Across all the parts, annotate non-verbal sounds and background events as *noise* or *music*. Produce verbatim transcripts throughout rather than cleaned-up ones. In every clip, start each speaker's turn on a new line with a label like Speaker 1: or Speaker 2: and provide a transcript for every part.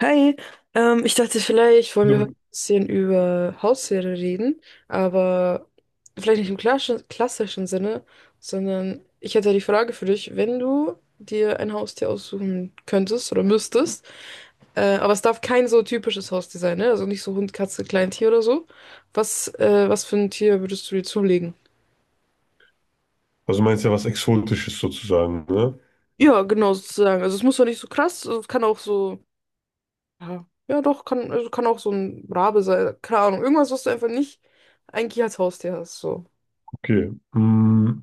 Speaker 1: Hi, ähm, ich dachte, vielleicht wollen
Speaker 2: Ja.
Speaker 1: wir heute ein bisschen über Haustiere reden, aber vielleicht nicht im klassischen, klassischen Sinne, sondern ich hätte die Frage für dich, wenn du dir ein Haustier aussuchen könntest oder müsstest, äh, aber es darf kein so typisches Haustier sein, ne? Also nicht so Hund, Katze, Kleintier oder so. Was, äh, was für ein Tier würdest du dir zulegen?
Speaker 2: Also meinst ja was Exotisches sozusagen, ne?
Speaker 1: Ja, genau, sozusagen. Also es muss doch nicht so krass, also es kann auch so. Ja, ja doch, kann, also kann auch so ein Rabe sein. Keine Ahnung. Irgendwas, was du einfach nicht eigentlich als Haustier hast. So.
Speaker 2: Okay. Mm,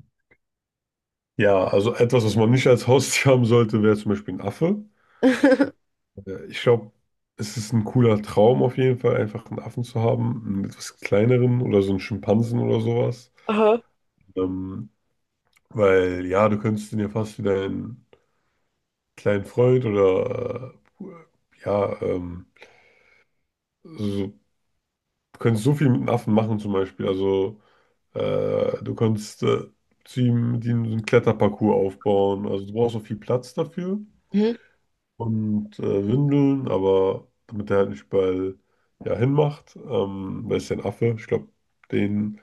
Speaker 2: ja, also etwas, was man nicht als Haustier haben sollte, wäre zum Beispiel ein Affe.
Speaker 1: *laughs*
Speaker 2: Äh, Ich glaube, es ist ein cooler Traum auf jeden Fall, einfach einen Affen zu haben, einen etwas kleineren oder so einen Schimpansen oder sowas.
Speaker 1: Aha.
Speaker 2: Ähm, weil ja, du könntest den ja fast wie deinen kleinen Freund oder äh, ja, ähm, so, du könntest so viel mit einem Affen machen zum Beispiel. Also Äh, du kannst äh, zu ihm, die so einen Kletterparcours aufbauen. Also du brauchst auch viel Platz dafür
Speaker 1: Mhm.
Speaker 2: und äh, Windeln, aber damit er halt nicht überall ja, hinmacht, ähm, weil es ja ein Affe, ich glaube, den.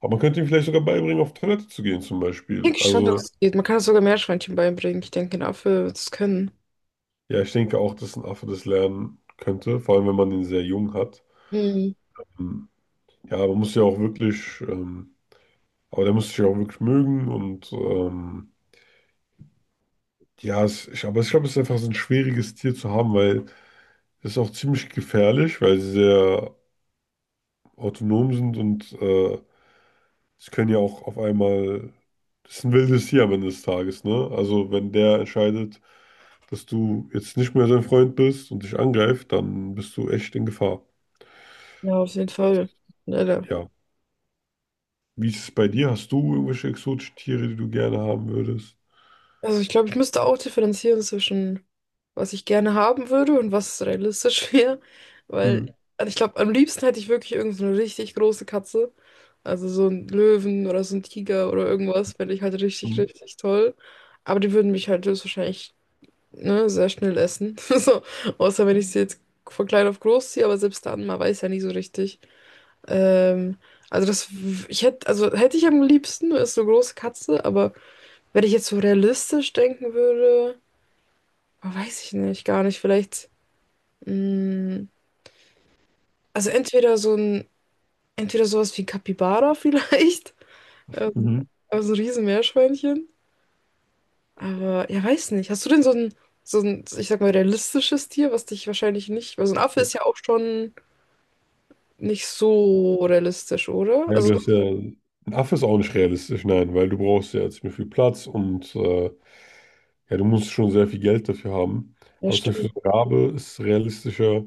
Speaker 2: Aber man könnte ihm vielleicht sogar beibringen, auf Toilette zu gehen zum Beispiel.
Speaker 1: Denke ich schon, dass
Speaker 2: Also
Speaker 1: es geht. Man kann es sogar Meerschweinchen beibringen. Ich denke, dafür Affe wird es können.
Speaker 2: ja, ich denke auch, dass ein Affe das lernen könnte, vor allem wenn man den sehr jung hat.
Speaker 1: Mhm.
Speaker 2: Ähm, Ja, man muss ja auch wirklich, ähm, aber der muss sich ja auch wirklich mögen und ähm, Ja, es, ich, aber ich glaube, es ist einfach so ein schwieriges Tier zu haben, weil es ist auch ziemlich gefährlich, weil sie sehr autonom sind und äh, sie können ja auch auf einmal. Das ist ein wildes Tier am Ende des Tages, ne? Also, wenn der entscheidet, dass du jetzt nicht mehr sein Freund bist und dich angreift, dann bist du echt in Gefahr.
Speaker 1: Ja, auf jeden Fall. Ja, da
Speaker 2: Ja. Wie ist es bei dir? Hast du irgendwelche exotischen Tiere, die du gerne haben würdest?
Speaker 1: also ich glaube, ich müsste auch differenzieren zwischen, was ich gerne haben würde und was realistisch *laughs* wäre.
Speaker 2: Hm.
Speaker 1: Weil, also ich glaube, am liebsten hätte ich wirklich irgend so eine richtig große Katze. Also so einen Löwen oder so einen Tiger oder irgendwas, fände ich halt richtig,
Speaker 2: hm,
Speaker 1: richtig toll. Aber die würden mich halt höchstwahrscheinlich, ne, sehr schnell essen. *laughs* So, außer wenn ich sie jetzt von klein auf groß ziehe, aber selbst dann, man weiß ja nie so richtig. Ähm, also das, w- ich hätte, also hätte ich am liebsten, ist so eine große Katze, aber. Wenn ich jetzt so realistisch denken würde, oh, weiß ich nicht, gar nicht. Vielleicht, mh, also entweder so ein, entweder sowas wie Capybara *laughs* vielleicht, also,
Speaker 2: Mhm.
Speaker 1: also ein Riesenmeerschweinchen. Aber ja, weiß nicht. Hast du denn so ein, so ein, ich sag mal, realistisches Tier, was dich wahrscheinlich nicht, weil so ein Affe ist ja auch schon nicht so realistisch, oder?
Speaker 2: Nein,
Speaker 1: Also,
Speaker 2: du hast ja. Ein Affe ist auch nicht realistisch, nein, weil du brauchst ja ziemlich viel Platz und äh, Ja, du musst schon sehr viel Geld dafür haben.
Speaker 1: ja,
Speaker 2: Aber zum Beispiel
Speaker 1: stimmt.
Speaker 2: so ein Rabe ist realistischer,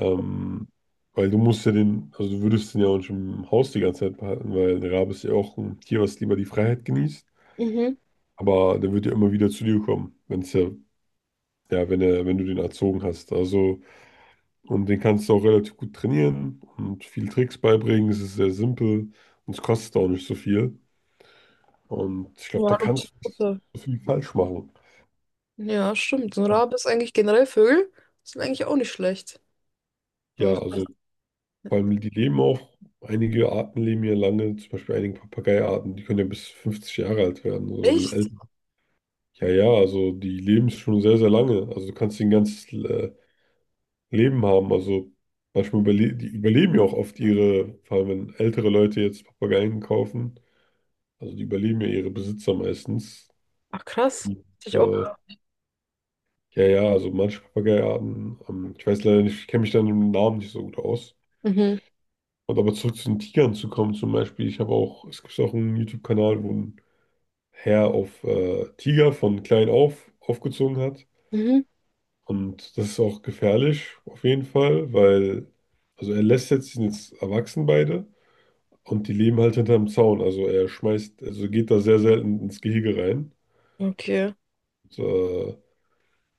Speaker 2: ähm, weil du musst ja den, also du würdest den ja auch nicht im Haus die ganze Zeit behalten, weil ein Rabe ist ja auch ein Tier, was lieber die Freiheit genießt.
Speaker 1: Mhm.
Speaker 2: Aber der wird ja immer wieder zu dir kommen, wenn es ja, ja, wenn er, wenn du den erzogen hast. Also, und den kannst du auch relativ gut trainieren und viel Tricks beibringen. Es ist sehr simpel und es kostet auch nicht so viel. Und ich glaube, da
Speaker 1: Ja, du bist
Speaker 2: kannst du nicht
Speaker 1: Mutter.
Speaker 2: so viel falsch machen.
Speaker 1: Ja, stimmt. So ein Rabe ist eigentlich generell Vögel, sind eigentlich auch nicht schlecht. So,
Speaker 2: Ja, also. Vor allem, die leben auch, einige Arten leben ja lange, zum Beispiel einige Papageiarten, die können ja bis fünfzig Jahre alt werden oder
Speaker 1: echt?
Speaker 2: älter. Ja, ja, also die leben schon sehr, sehr lange. Also du kannst ein ganzes äh, Leben haben. Also manchmal überle die überleben ja auch oft ihre, vor allem wenn ältere Leute jetzt Papageien kaufen, also die überleben ja ihre Besitzer meistens.
Speaker 1: Ach krass.
Speaker 2: Und,
Speaker 1: Hätte ich auch.
Speaker 2: äh, ja, ja, also manche Papageiarten, ähm, ich weiß leider nicht, ich kenne mich da mit dem Namen nicht so gut aus.
Speaker 1: Mhm.
Speaker 2: Und aber zurück zu den Tigern zu kommen, zum Beispiel, ich habe auch, es gibt auch einen YouTube-Kanal, wo ein Herr auf äh, Tiger von klein auf aufgezogen hat.
Speaker 1: Mhm.
Speaker 2: Und das ist auch gefährlich, auf jeden Fall, weil, also er lässt jetzt, die sind jetzt erwachsen beide und die leben halt hinterm Zaun. Also er schmeißt, also geht da sehr selten ins Gehege rein.
Speaker 1: Okay.
Speaker 2: Und, äh,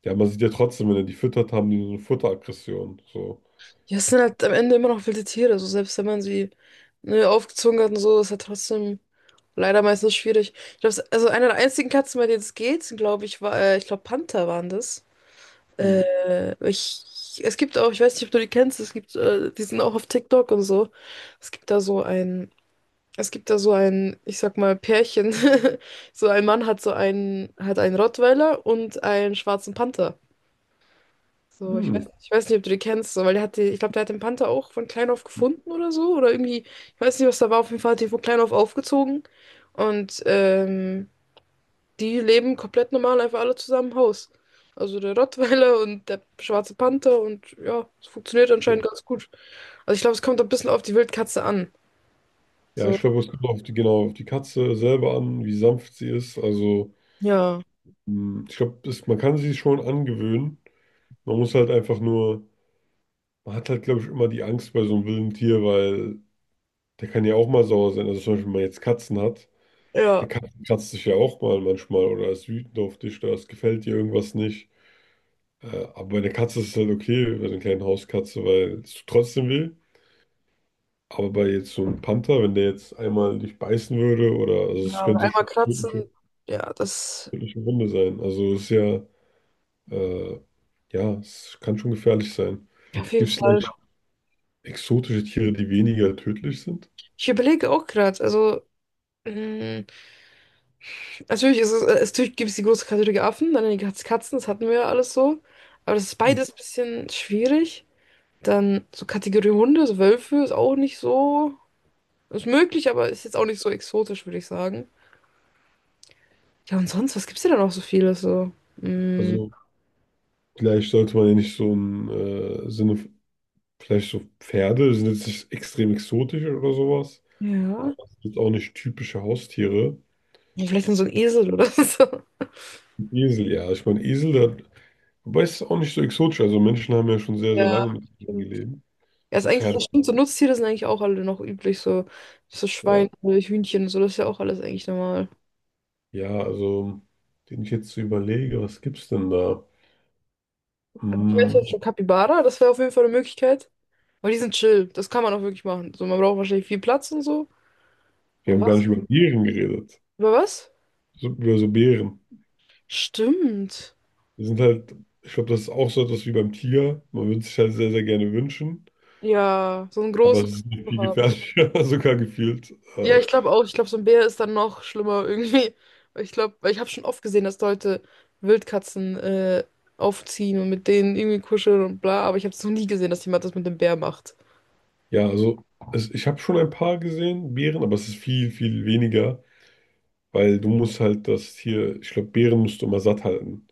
Speaker 2: ja, man sieht ja trotzdem, wenn er die füttert, haben die so eine Futteraggression. So.
Speaker 1: Ja, es sind halt am Ende immer noch wilde Tiere. So selbst wenn man sie ne, aufgezogen hat und so, ist halt trotzdem leider meistens schwierig. Ich glaube, also eine der einzigen Katzen, bei denen es geht, glaube ich, war, äh, ich glaube, Panther waren das.
Speaker 2: Mhm.
Speaker 1: Äh, ich, es gibt auch, ich weiß nicht, ob du die kennst, es gibt, äh, die sind auch auf TikTok und so. Es gibt da so ein, Es gibt da so ein, ich sag mal, Pärchen. *laughs* So ein Mann hat so einen, hat einen Rottweiler und einen schwarzen Panther. So, ich
Speaker 2: Hm.
Speaker 1: weiß, ich weiß nicht, ob du die kennst, so, weil der hatte, ich glaube, der hat den Panther auch von klein auf gefunden oder so. Oder irgendwie, ich weiß nicht, was da war. Auf jeden Fall hat die von klein auf aufgezogen. Und ähm, die leben komplett normal, einfach alle zusammen im Haus. Also der Rottweiler und der schwarze Panther und ja, es funktioniert
Speaker 2: Ja,
Speaker 1: anscheinend ganz gut. Also ich glaube, es kommt ein bisschen auf die Wildkatze an.
Speaker 2: Ja,
Speaker 1: So,
Speaker 2: ich glaube, es kommt auf die, genau auf die Katze selber an, wie sanft sie ist. Also.
Speaker 1: ja,
Speaker 2: Hm, Ich glaube, man kann sich schon angewöhnen. Man muss halt einfach nur, man hat halt, glaube ich, immer die Angst bei so einem wilden Tier, weil der kann ja auch mal sauer sein. Also zum Beispiel, wenn man jetzt Katzen hat,
Speaker 1: ja,
Speaker 2: eine Katze kratzt sich ja auch mal manchmal oder ist wütend auf dich oder es gefällt dir irgendwas nicht. Äh, aber bei einer Katze ist es halt okay, bei so einer kleinen Hauskatze, weil es tut trotzdem weh. Aber bei jetzt so einem Panther, wenn der jetzt einmal dich beißen würde oder, also es
Speaker 1: ja, und
Speaker 2: könnte
Speaker 1: einmal
Speaker 2: schon eine
Speaker 1: kratzen,
Speaker 2: tödliche,
Speaker 1: ja, das
Speaker 2: tödliche Wunde sein. Also es ist ja. Äh, ja, es kann schon gefährlich sein.
Speaker 1: auf jeden
Speaker 2: Gibt es
Speaker 1: Fall.
Speaker 2: vielleicht exotische Tiere, die weniger tödlich sind?
Speaker 1: Ich überlege auch gerade, also. Mh, natürlich ist es, äh, es natürlich gibt es die große Kategorie Affen, dann die Katz- Katzen, das hatten wir ja alles so. Aber das ist
Speaker 2: Hm.
Speaker 1: beides ein bisschen schwierig. Dann so Kategorie Hunde, so Wölfe ist auch nicht so. Ist möglich, aber ist jetzt auch nicht so exotisch, würde ich sagen. Ja, und sonst, was gibt's denn da noch so vieles so? Mm,
Speaker 2: Also vielleicht sollte man ja nicht so im äh, Sinne, vielleicht so Pferde sind jetzt nicht extrem exotisch oder sowas, aber
Speaker 1: ja.
Speaker 2: es sind auch nicht typische Haustiere.
Speaker 1: Ja, vielleicht dann so ein Esel oder *laughs* so.
Speaker 2: Ein Esel, ja, ich meine Esel, der, hat- wobei es ist auch nicht so exotisch, also Menschen haben ja schon sehr, sehr
Speaker 1: Ja,
Speaker 2: lange mit Eseln
Speaker 1: stimmt.
Speaker 2: gelebt
Speaker 1: Ja, ist
Speaker 2: und
Speaker 1: eigentlich, ja,
Speaker 2: Pferde,
Speaker 1: stimmt, so Nutztiere sind eigentlich auch alle noch üblich, so, so Schweine,
Speaker 2: ja.
Speaker 1: Hühnchen, so, das ist ja auch alles eigentlich normal.
Speaker 2: Ja, also, den ich jetzt so überlege, was gibt's denn da?
Speaker 1: Ich wette
Speaker 2: Hm,
Speaker 1: jetzt schon Capybara, das wäre auf jeden Fall eine Möglichkeit. Weil die sind chill. Das kann man auch wirklich machen. So, man braucht wahrscheinlich viel Platz und so.
Speaker 2: wir
Speaker 1: Und
Speaker 2: haben gar
Speaker 1: was?
Speaker 2: nicht über Tieren geredet.
Speaker 1: Über was?
Speaker 2: so, ja, so Bären.
Speaker 1: Stimmt.
Speaker 2: Die sind halt, ich glaube, das ist auch so etwas wie beim Tiger. Man würde sich halt sehr, sehr gerne wünschen,
Speaker 1: Ja, so einen
Speaker 2: aber
Speaker 1: großen
Speaker 2: es ist nicht
Speaker 1: zu
Speaker 2: viel
Speaker 1: haben.
Speaker 2: gefährlicher, *laughs* sogar gefühlt.
Speaker 1: Ja,
Speaker 2: Äh,
Speaker 1: ich glaube auch. Ich glaube, so ein Bär ist dann noch schlimmer irgendwie. Weil ich glaube, weil ich habe schon oft gesehen, dass Leute Wildkatzen äh, aufziehen und mit denen irgendwie kuscheln und bla. Aber ich habe es noch nie gesehen, dass jemand das mit dem Bär macht.
Speaker 2: ja, also es, ich habe schon ein paar gesehen, Bären, aber es ist viel, viel weniger, weil du musst halt das Tier, ich glaube, Bären musst du immer satt halten.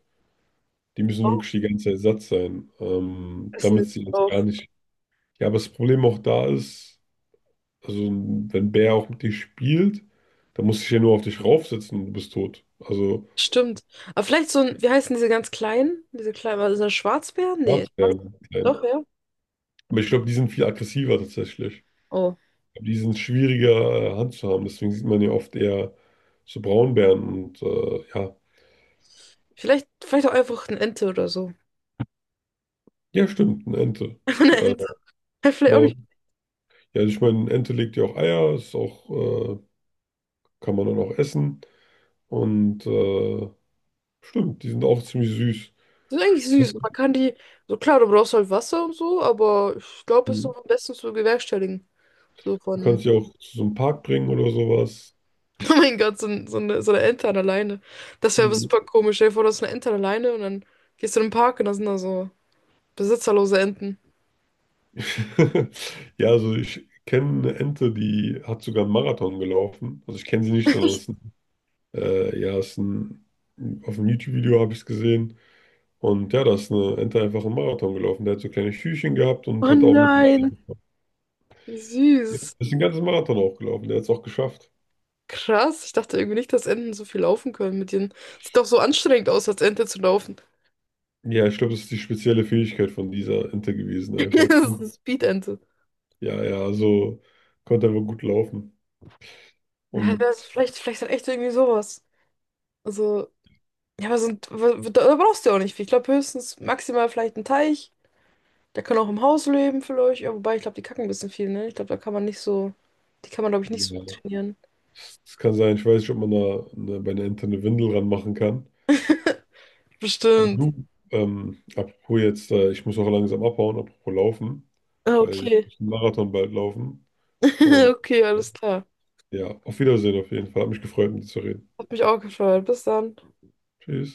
Speaker 2: Die müssen
Speaker 1: Oh,
Speaker 2: wirklich die ganze Zeit satt sein, ähm,
Speaker 1: Essen
Speaker 2: damit
Speaker 1: ist
Speaker 2: sie uns gar
Speaker 1: drauf.
Speaker 2: nicht. Ja, aber das Problem auch da ist, also wenn ein Bär auch mit dir spielt, dann muss ich ja nur auf dich raufsetzen und du bist tot. Also.
Speaker 1: Stimmt. Aber vielleicht so ein, wie heißen diese ganz kleinen? Diese kleinen, was ist das, Schwarzbären? Nee. Schwarz-
Speaker 2: Schwarzbären, klein.
Speaker 1: doch, ja.
Speaker 2: Aber ich glaube, die sind viel aggressiver tatsächlich.
Speaker 1: Oh.
Speaker 2: Die sind schwieriger äh, Hand zu haben. Deswegen sieht man ja oft eher so Braunbären und äh, ja.
Speaker 1: Vielleicht, vielleicht auch einfach eine Ente oder so.
Speaker 2: Ja, stimmt, eine Ente.
Speaker 1: *laughs* Einfach eine
Speaker 2: Äh,
Speaker 1: Ente. Ja, vielleicht auch
Speaker 2: aber,
Speaker 1: nicht.
Speaker 2: ja, ich meine, eine Ente legt ja auch Eier, ist auch, äh, kann man dann auch essen. Und äh, stimmt, die sind auch ziemlich süß.
Speaker 1: Die sind eigentlich süß.
Speaker 2: Kennst
Speaker 1: Man kann die, so klar, du brauchst halt Wasser und so, aber ich glaube, es ist
Speaker 2: Du
Speaker 1: so am besten zu bewerkstelligen. So
Speaker 2: du
Speaker 1: von,
Speaker 2: kannst sie auch zu so einem Park bringen oder sowas.
Speaker 1: *laughs* oh mein Gott, so, ein- so, eine, so eine Ente an der Leine. Das wäre aber
Speaker 2: Mhm.
Speaker 1: super komisch. Stell dir vor, du hast eine Ente an der Leine und dann gehst du in den Park und da sind da so besitzerlose Enten.
Speaker 2: *laughs* Ja, also ich kenne eine Ente, die hat sogar einen Marathon gelaufen. Also ich kenne sie nicht, sondern es Äh, ja, ist ein, auf dem YouTube-Video habe ich es gesehen. Und ja, da ist eine Ente einfach einen Marathon gelaufen. Der hat so kleine Schüchchen gehabt und
Speaker 1: Oh
Speaker 2: hat auch eine Medaille
Speaker 1: nein,
Speaker 2: bekommen.
Speaker 1: wie
Speaker 2: Ja,
Speaker 1: süß.
Speaker 2: ist den ganzen Marathon auch gelaufen. Der hat es auch geschafft.
Speaker 1: Krass, ich dachte irgendwie nicht, dass Enten so viel laufen können mit ihren. Sieht doch so anstrengend aus, als Ente zu laufen. *laughs*
Speaker 2: Ja, ich glaube, das ist die spezielle Fähigkeit von dieser Ente gewesen,
Speaker 1: Das
Speaker 2: einfach. Die
Speaker 1: ist
Speaker 2: konnte,
Speaker 1: eine Speed-Ente.
Speaker 2: ja, ja, also konnte einfach gut laufen.
Speaker 1: Ja, das
Speaker 2: Und
Speaker 1: vielleicht, vielleicht dann echt irgendwie sowas. Also, ja, aber sind, wa- wa- da da brauchst du ja auch nicht viel. Ich glaube höchstens maximal vielleicht ein Teich. Der kann auch im Haus leben vielleicht. Ja, wobei, ich glaube, die kacken ein bisschen viel, ne? Ich glaube, da kann man nicht so, die kann man, glaube ich, nicht so
Speaker 2: ja,
Speaker 1: gut trainieren.
Speaker 2: es es kann sein, ich weiß nicht, ob man da eine, bei einer Ente eine Windel ranmachen kann. Aber
Speaker 1: Bestimmt.
Speaker 2: du, ähm, apropos jetzt, äh, ich muss auch langsam abhauen, apropos laufen,
Speaker 1: Ah,
Speaker 2: weil ich
Speaker 1: okay.
Speaker 2: muss einen Marathon bald laufen. Und
Speaker 1: *laughs* Okay,
Speaker 2: äh,
Speaker 1: alles klar.
Speaker 2: ja, auf Wiedersehen auf jeden Fall. Hat mich gefreut, mit dir zu reden.
Speaker 1: Hat mich auch gefreut. Bis dann.
Speaker 2: Tschüss.